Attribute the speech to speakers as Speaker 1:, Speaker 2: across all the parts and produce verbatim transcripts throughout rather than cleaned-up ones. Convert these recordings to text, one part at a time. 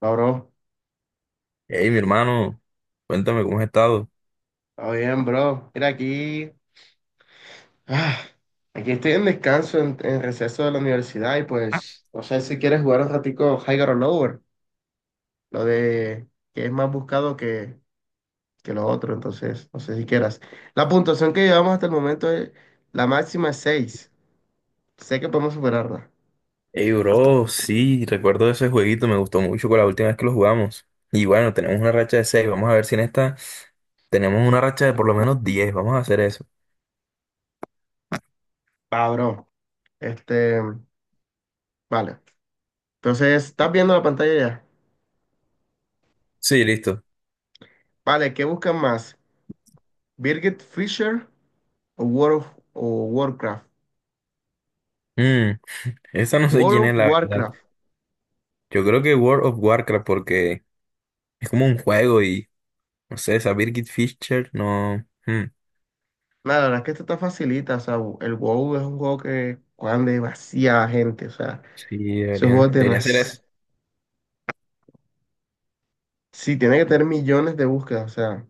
Speaker 1: Va, bro.
Speaker 2: Hey, mi hermano, cuéntame cómo has estado.
Speaker 1: Está bien, bro. Mira, aquí. ah, Aquí estoy en descanso, en, en receso de la universidad. Y pues, no sé si quieres jugar un ratico Higher or Lower. Lo de que es más buscado que, que lo otro. Entonces, no sé si quieras. La puntuación que llevamos hasta el momento es. La máxima es seis. Sé que podemos superarla.
Speaker 2: Hey, bro, sí, recuerdo ese jueguito, me gustó mucho con la última vez que lo jugamos. Y bueno, tenemos una racha de seis, vamos a ver si en esta tenemos una racha de por lo menos diez, vamos a hacer eso.
Speaker 1: Va, bro. Este. Vale. Entonces, ¿estás viendo la pantalla ya?
Speaker 2: Sí, listo.
Speaker 1: Vale, ¿qué buscan más? ¿Birgit Fisher o World of, o Warcraft?
Speaker 2: Mm, Esa no sé quién
Speaker 1: World
Speaker 2: es
Speaker 1: of
Speaker 2: la verdad.
Speaker 1: Warcraft.
Speaker 2: Yo creo que World of Warcraft porque es como un juego y, no sé, esa Birgit Fischer, no... mm,
Speaker 1: Nada, la verdad es que esto está facilita, o sea, el WoW es un juego que juegan demasiada gente, o sea,
Speaker 2: sí,
Speaker 1: ese juego
Speaker 2: deberían,
Speaker 1: es
Speaker 2: debería ser
Speaker 1: demasiado...
Speaker 2: eso.
Speaker 1: Sí, tiene que tener millones de búsquedas, o sea,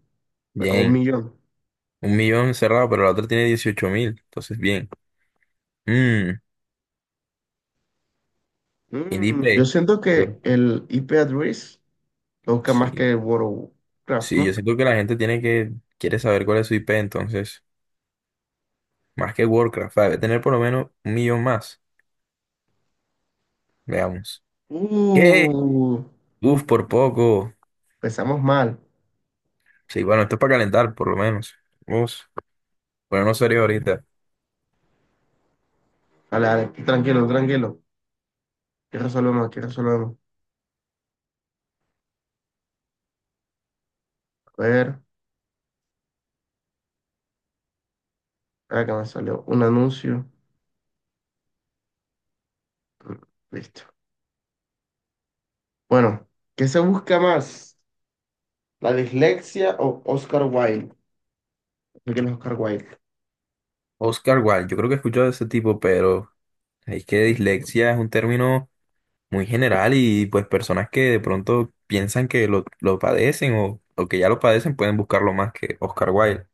Speaker 1: pero un
Speaker 2: Bien,
Speaker 1: millón.
Speaker 2: un millón cerrado, pero la otra tiene dieciocho mil, entonces bien. Mm, y
Speaker 1: Mm, yo
Speaker 2: Dipe.
Speaker 1: siento que el I P address lo busca más
Speaker 2: Sí,
Speaker 1: que el World of Warcraft,
Speaker 2: sí, yo
Speaker 1: ¿no?
Speaker 2: siento que la gente tiene que, quiere saber cuál es su I P, entonces, más que Warcraft, va debe tener por lo menos un millón más, veamos. ¿Qué?
Speaker 1: Uh,
Speaker 2: Uf, por poco.
Speaker 1: Empezamos mal.
Speaker 2: Sí, bueno, esto es para calentar, por lo menos. Uf, bueno, no sería ahorita.
Speaker 1: Vale, vale, tranquilo, tranquilo. Aquí resolvemos, aquí resolvemos. A ver, acá me salió un anuncio. Mm, listo. Bueno, ¿qué se busca más? La dislexia o Oscar Wilde. ¿De ¿Quién es Oscar Wilde?
Speaker 2: Oscar Wilde, yo creo que he escuchado de ese tipo, pero es que dislexia es un término muy general y pues personas que de pronto piensan que lo, lo padecen o, o que ya lo padecen pueden buscarlo más que Oscar Wilde.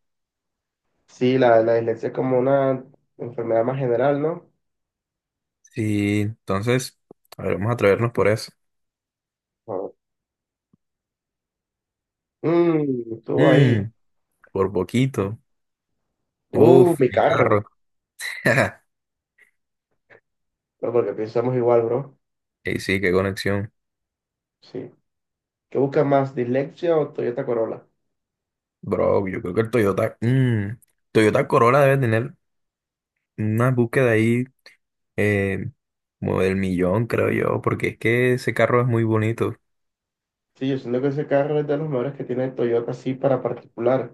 Speaker 1: Sí, la, la dislexia es como una enfermedad más general, ¿no?
Speaker 2: Sí, entonces, a ver, vamos a atrevernos por eso.
Speaker 1: Ah. Mm, estuvo ahí.
Speaker 2: Mm, Por poquito.
Speaker 1: Uh,
Speaker 2: Uf,
Speaker 1: mi
Speaker 2: mi
Speaker 1: carro.
Speaker 2: carro.
Speaker 1: No, porque pensamos igual, bro.
Speaker 2: Y sí, qué conexión.
Speaker 1: Sí. ¿Qué busca más, dislexia o Toyota Corolla?
Speaker 2: Bro, yo creo que el Toyota, mm, Toyota Corolla debe tener una búsqueda ahí eh, como del millón, creo yo, porque es que ese carro es muy bonito.
Speaker 1: Sí, yo siento que ese carro es de los mejores que tiene Toyota, sí, para particular.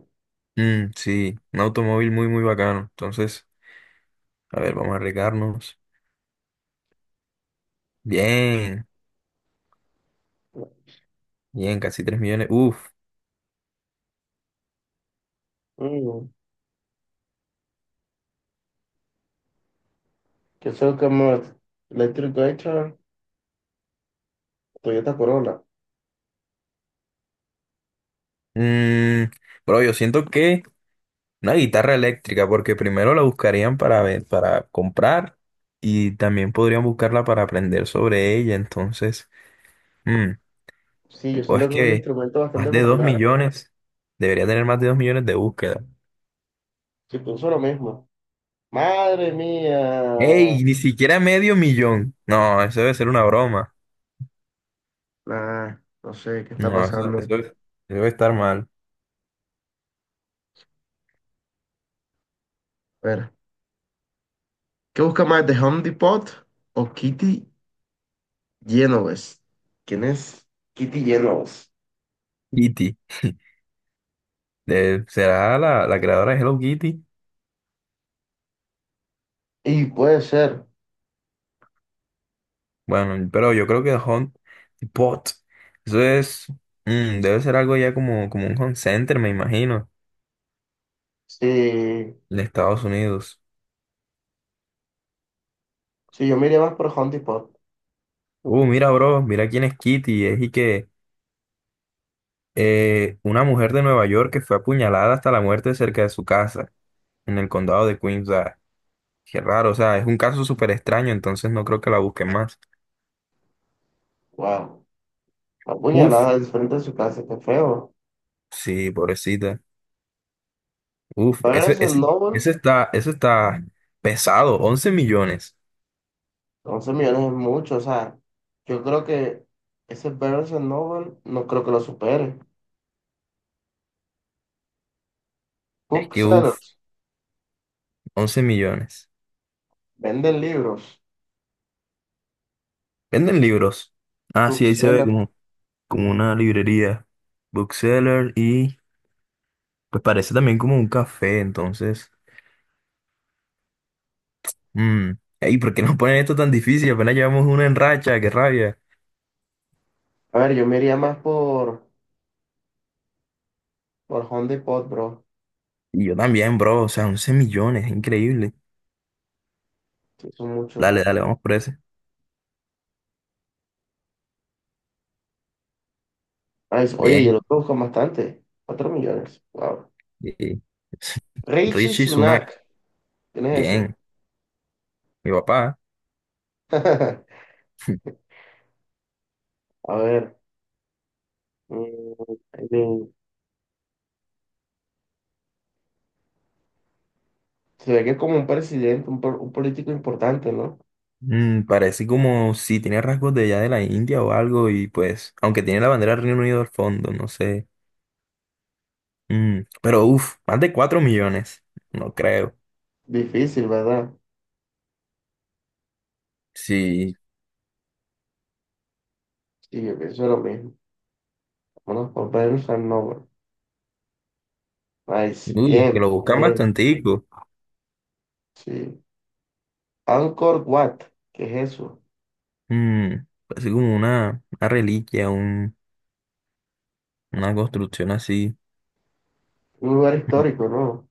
Speaker 2: Mm, sí, un automóvil muy, muy bacano. Entonces, a ver, vamos a arriesgarnos. Bien, bien, casi tres millones. Uf.
Speaker 1: Mm, Yo soy como Electric Guitar, Toyota Corolla.
Speaker 2: Mm, Bro, yo siento que una guitarra eléctrica, porque primero la buscarían para, ve- para comprar y también podrían buscarla para aprender sobre ella. Entonces, mm,
Speaker 1: Sí, yo siento
Speaker 2: pues
Speaker 1: que es un
Speaker 2: que
Speaker 1: instrumento bastante
Speaker 2: más de dos
Speaker 1: popular.
Speaker 2: millones, debería tener más de dos millones de búsquedas.
Speaker 1: Si puso lo mismo. Madre mía.
Speaker 2: ¡Ey! Ni siquiera medio millón. No, eso debe ser una broma.
Speaker 1: Nah, no sé qué está
Speaker 2: No, eso,
Speaker 1: pasando.
Speaker 2: eso, eso debe estar mal.
Speaker 1: A ver, ¿qué busca más, de Home Depot o Kitty Genovese? ¿Quién es Kitty Genovese?
Speaker 2: Kitty, de- ¿será la, la creadora de Hello Kitty?
Speaker 1: Y puede ser,
Speaker 2: Bueno, pero yo creo que Hunt Bot, eso es, mm, debe ser algo ya como, como un home center, me imagino.
Speaker 1: si,
Speaker 2: De Estados Unidos.
Speaker 1: si yo me iría más por Home Depot.
Speaker 2: Uh, mira, bro, mira quién es Kitty. Es y que eh, una mujer de Nueva York que fue apuñalada hasta la muerte cerca de su casa, en el condado de Queens. O sea, qué raro, o sea, es un caso súper extraño, entonces no creo que la busquen más.
Speaker 1: Wow, la
Speaker 2: Uf,
Speaker 1: puñalada al frente de su casa, qué feo.
Speaker 2: sí, pobrecita. Uf, ese,
Speaker 1: Barnes
Speaker 2: ese,
Speaker 1: Noble,
Speaker 2: ese está, ese está pesado, once millones.
Speaker 1: once millones es mucho, o sea, yo creo que ese Barnes Noble no creo que lo supere.
Speaker 2: Es que, uf,
Speaker 1: Booksellers,
Speaker 2: once millones.
Speaker 1: venden libros.
Speaker 2: Venden libros. Ah, sí, ahí se ve
Speaker 1: Booksellers.
Speaker 2: como, como una librería. Bookseller y pues parece también como un café, entonces. mm, Ey, ¿por qué nos ponen esto tan difícil? Apenas llevamos una en racha, qué rabia.
Speaker 1: A ver, yo me iría más por. Por Honda y Pod, bro.
Speaker 2: Y yo también, bro, o sea, once millones, increíble.
Speaker 1: Sí, son mucho.
Speaker 2: Dale, dale, vamos por ese.
Speaker 1: Ah, es- oye, yo
Speaker 2: Bien.
Speaker 1: lo busco bastante. Cuatro millones. Wow.
Speaker 2: eh,
Speaker 1: Richie
Speaker 2: Richie Sunak,
Speaker 1: Sunak. ¿Quién es ese?
Speaker 2: bien. Mi papá.
Speaker 1: A ver. mm, eh, Se ve que es como un presidente, un, po- un político importante, ¿no?
Speaker 2: Mm, parece como si tiene rasgos de allá de la India o algo, y pues, aunque tiene la bandera del Reino Unido al fondo, no sé. Mm, pero uff, más de cuatro millones, no creo.
Speaker 1: Difícil, ¿verdad?
Speaker 2: Sí,
Speaker 1: Sí, yo pienso lo mismo. Vámonos por Ben Noble. Nice.
Speaker 2: uy, que
Speaker 1: Bien,
Speaker 2: lo buscan
Speaker 1: bien.
Speaker 2: bastante.
Speaker 1: Sí. Angkor Wat. ¿Qué es eso?
Speaker 2: Mm, Así como una, una reliquia, un, una construcción así.
Speaker 1: Un lugar
Speaker 2: Mm.
Speaker 1: histórico, ¿no?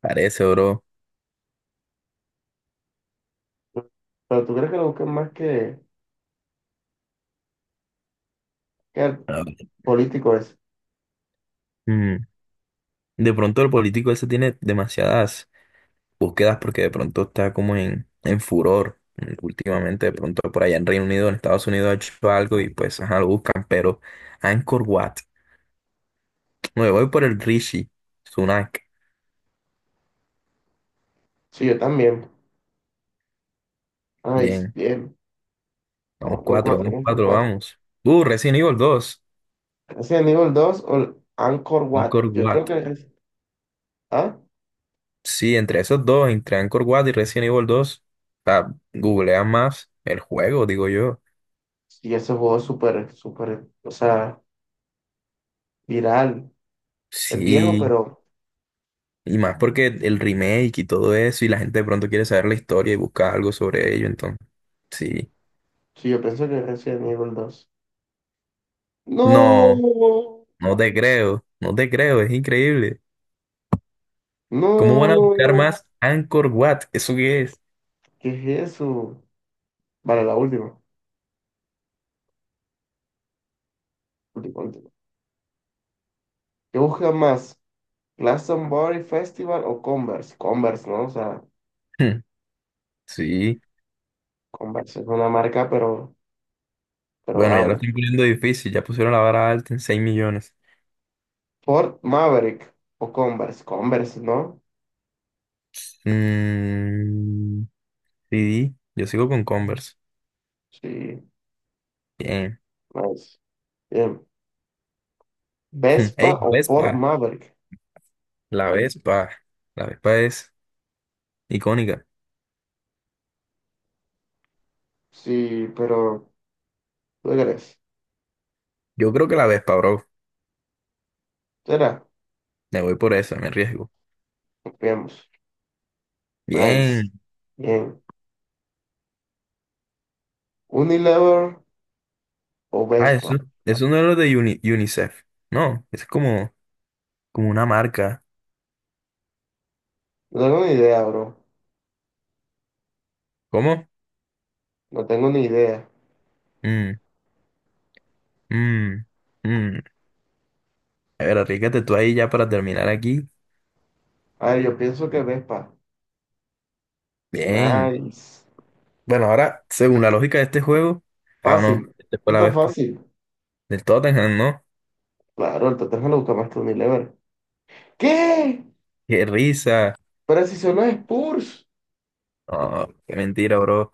Speaker 2: Parece, bro.
Speaker 1: Pero tú crees que lo busquen más que, que el
Speaker 2: Ah, ok.
Speaker 1: político es.
Speaker 2: Mm, De pronto el político ese tiene demasiadas búsquedas porque de pronto está como en, en furor. Mm, Últimamente, de pronto por allá en Reino Unido, en Estados Unidos ha hecho algo y pues ajá, lo buscan. Pero Anchor Wat. Me voy por el Rishi. Sunak.
Speaker 1: Sí, yo también. Ay,
Speaker 2: Bien.
Speaker 1: bien.
Speaker 2: Vamos
Speaker 1: Vamos por
Speaker 2: cuatro,
Speaker 1: cuatro,
Speaker 2: vamos
Speaker 1: vamos por
Speaker 2: cuatro,
Speaker 1: cuatro.
Speaker 2: vamos. Uh, Resident Evil dos.
Speaker 1: Resident Evil dos o el Angkor Wat.
Speaker 2: Anchor
Speaker 1: Yo creo
Speaker 2: Wat.
Speaker 1: que es. Ah,
Speaker 2: Sí, entre esos dos, entre Anchor Wat y Resident Evil dos, ah, googlean más el juego, digo yo.
Speaker 1: sí, ese juego es súper, súper, o sea, viral. Es viejo,
Speaker 2: Sí,
Speaker 1: pero
Speaker 2: y más porque el remake y todo eso, y la gente de pronto quiere saber la historia y busca algo sobre ello, entonces, sí.
Speaker 1: sí, yo pienso que es Resident Evil dos.
Speaker 2: No,
Speaker 1: No,
Speaker 2: no te creo, no te creo, es increíble. ¿Cómo van a buscar
Speaker 1: no,
Speaker 2: más Anchor Wat? ¿Eso qué es?
Speaker 1: ¿qué es eso? Vale, la última. Última, última. ¿Qué busca más? ¿Glastonbury Festival o Converse? Converse, ¿no? O sea,
Speaker 2: Hmm, sí,
Speaker 1: Converse es una marca, pero, pero
Speaker 2: bueno, ya lo
Speaker 1: vamos.
Speaker 2: estoy poniendo difícil, ya pusieron la vara alta en seis millones.
Speaker 1: Ford Maverick o Converse, Converse, ¿no?
Speaker 2: Mm, sí, yo sigo con Converse.
Speaker 1: Sí, nice. Bien.
Speaker 2: Ey,
Speaker 1: Vespa
Speaker 2: la
Speaker 1: o Ford
Speaker 2: Vespa,
Speaker 1: Maverick.
Speaker 2: la Vespa, la Vespa es icónica.
Speaker 1: Sí, pero ¿tú qué crees?
Speaker 2: Yo creo que la Vespa, bro.
Speaker 1: ¿Será?
Speaker 2: Me voy por esa, me arriesgo.
Speaker 1: Confiamos. Nice.
Speaker 2: Bien.
Speaker 1: Bien. Unilever o
Speaker 2: Ah,
Speaker 1: Vespa.
Speaker 2: eso, eso no es lo de Uni- UNICEF. No, es como, como una marca.
Speaker 1: No tengo ni idea, bro.
Speaker 2: ¿Cómo?
Speaker 1: No tengo ni idea.
Speaker 2: Mm, mm, mm. A ver, arriesgate tú ahí ya para terminar aquí.
Speaker 1: A ver, yo pienso que Vespa.
Speaker 2: Bien.
Speaker 1: Nice.
Speaker 2: Bueno, ahora, según la lógica de este juego, ah, no,
Speaker 1: Fácil.
Speaker 2: este fue
Speaker 1: No
Speaker 2: la
Speaker 1: está
Speaker 2: Vespa.
Speaker 1: fácil.
Speaker 2: Del Tottenham, ¿no?
Speaker 1: Claro, el Tottenham lo busca más que Unilever. ¿Qué?
Speaker 2: Qué risa.
Speaker 1: Pero si son los Spurs.
Speaker 2: Oh, qué mentira, bro.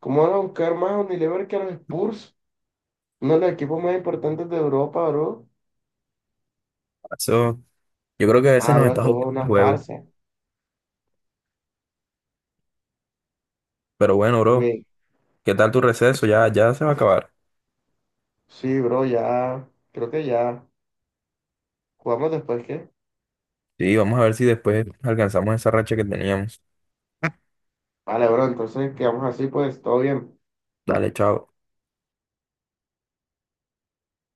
Speaker 1: ¿Cómo van a buscar más Unilever que a los Spurs? Uno de los equipos más importantes de Europa, bro.
Speaker 2: Pasó. Yo creo que a veces nos
Speaker 1: Ahora
Speaker 2: está
Speaker 1: todo
Speaker 2: jugando el
Speaker 1: una
Speaker 2: juego.
Speaker 1: farsa.
Speaker 2: Pero bueno, bro,
Speaker 1: También.
Speaker 2: ¿qué tal tu receso? Ya, ya se va a acabar.
Speaker 1: Sí, bro, ya. Creo que ya jugamos después, ¿qué?
Speaker 2: Sí, vamos a ver si después alcanzamos esa racha que teníamos.
Speaker 1: Vale, bro, entonces quedamos así, pues todo bien.
Speaker 2: Dale, chao.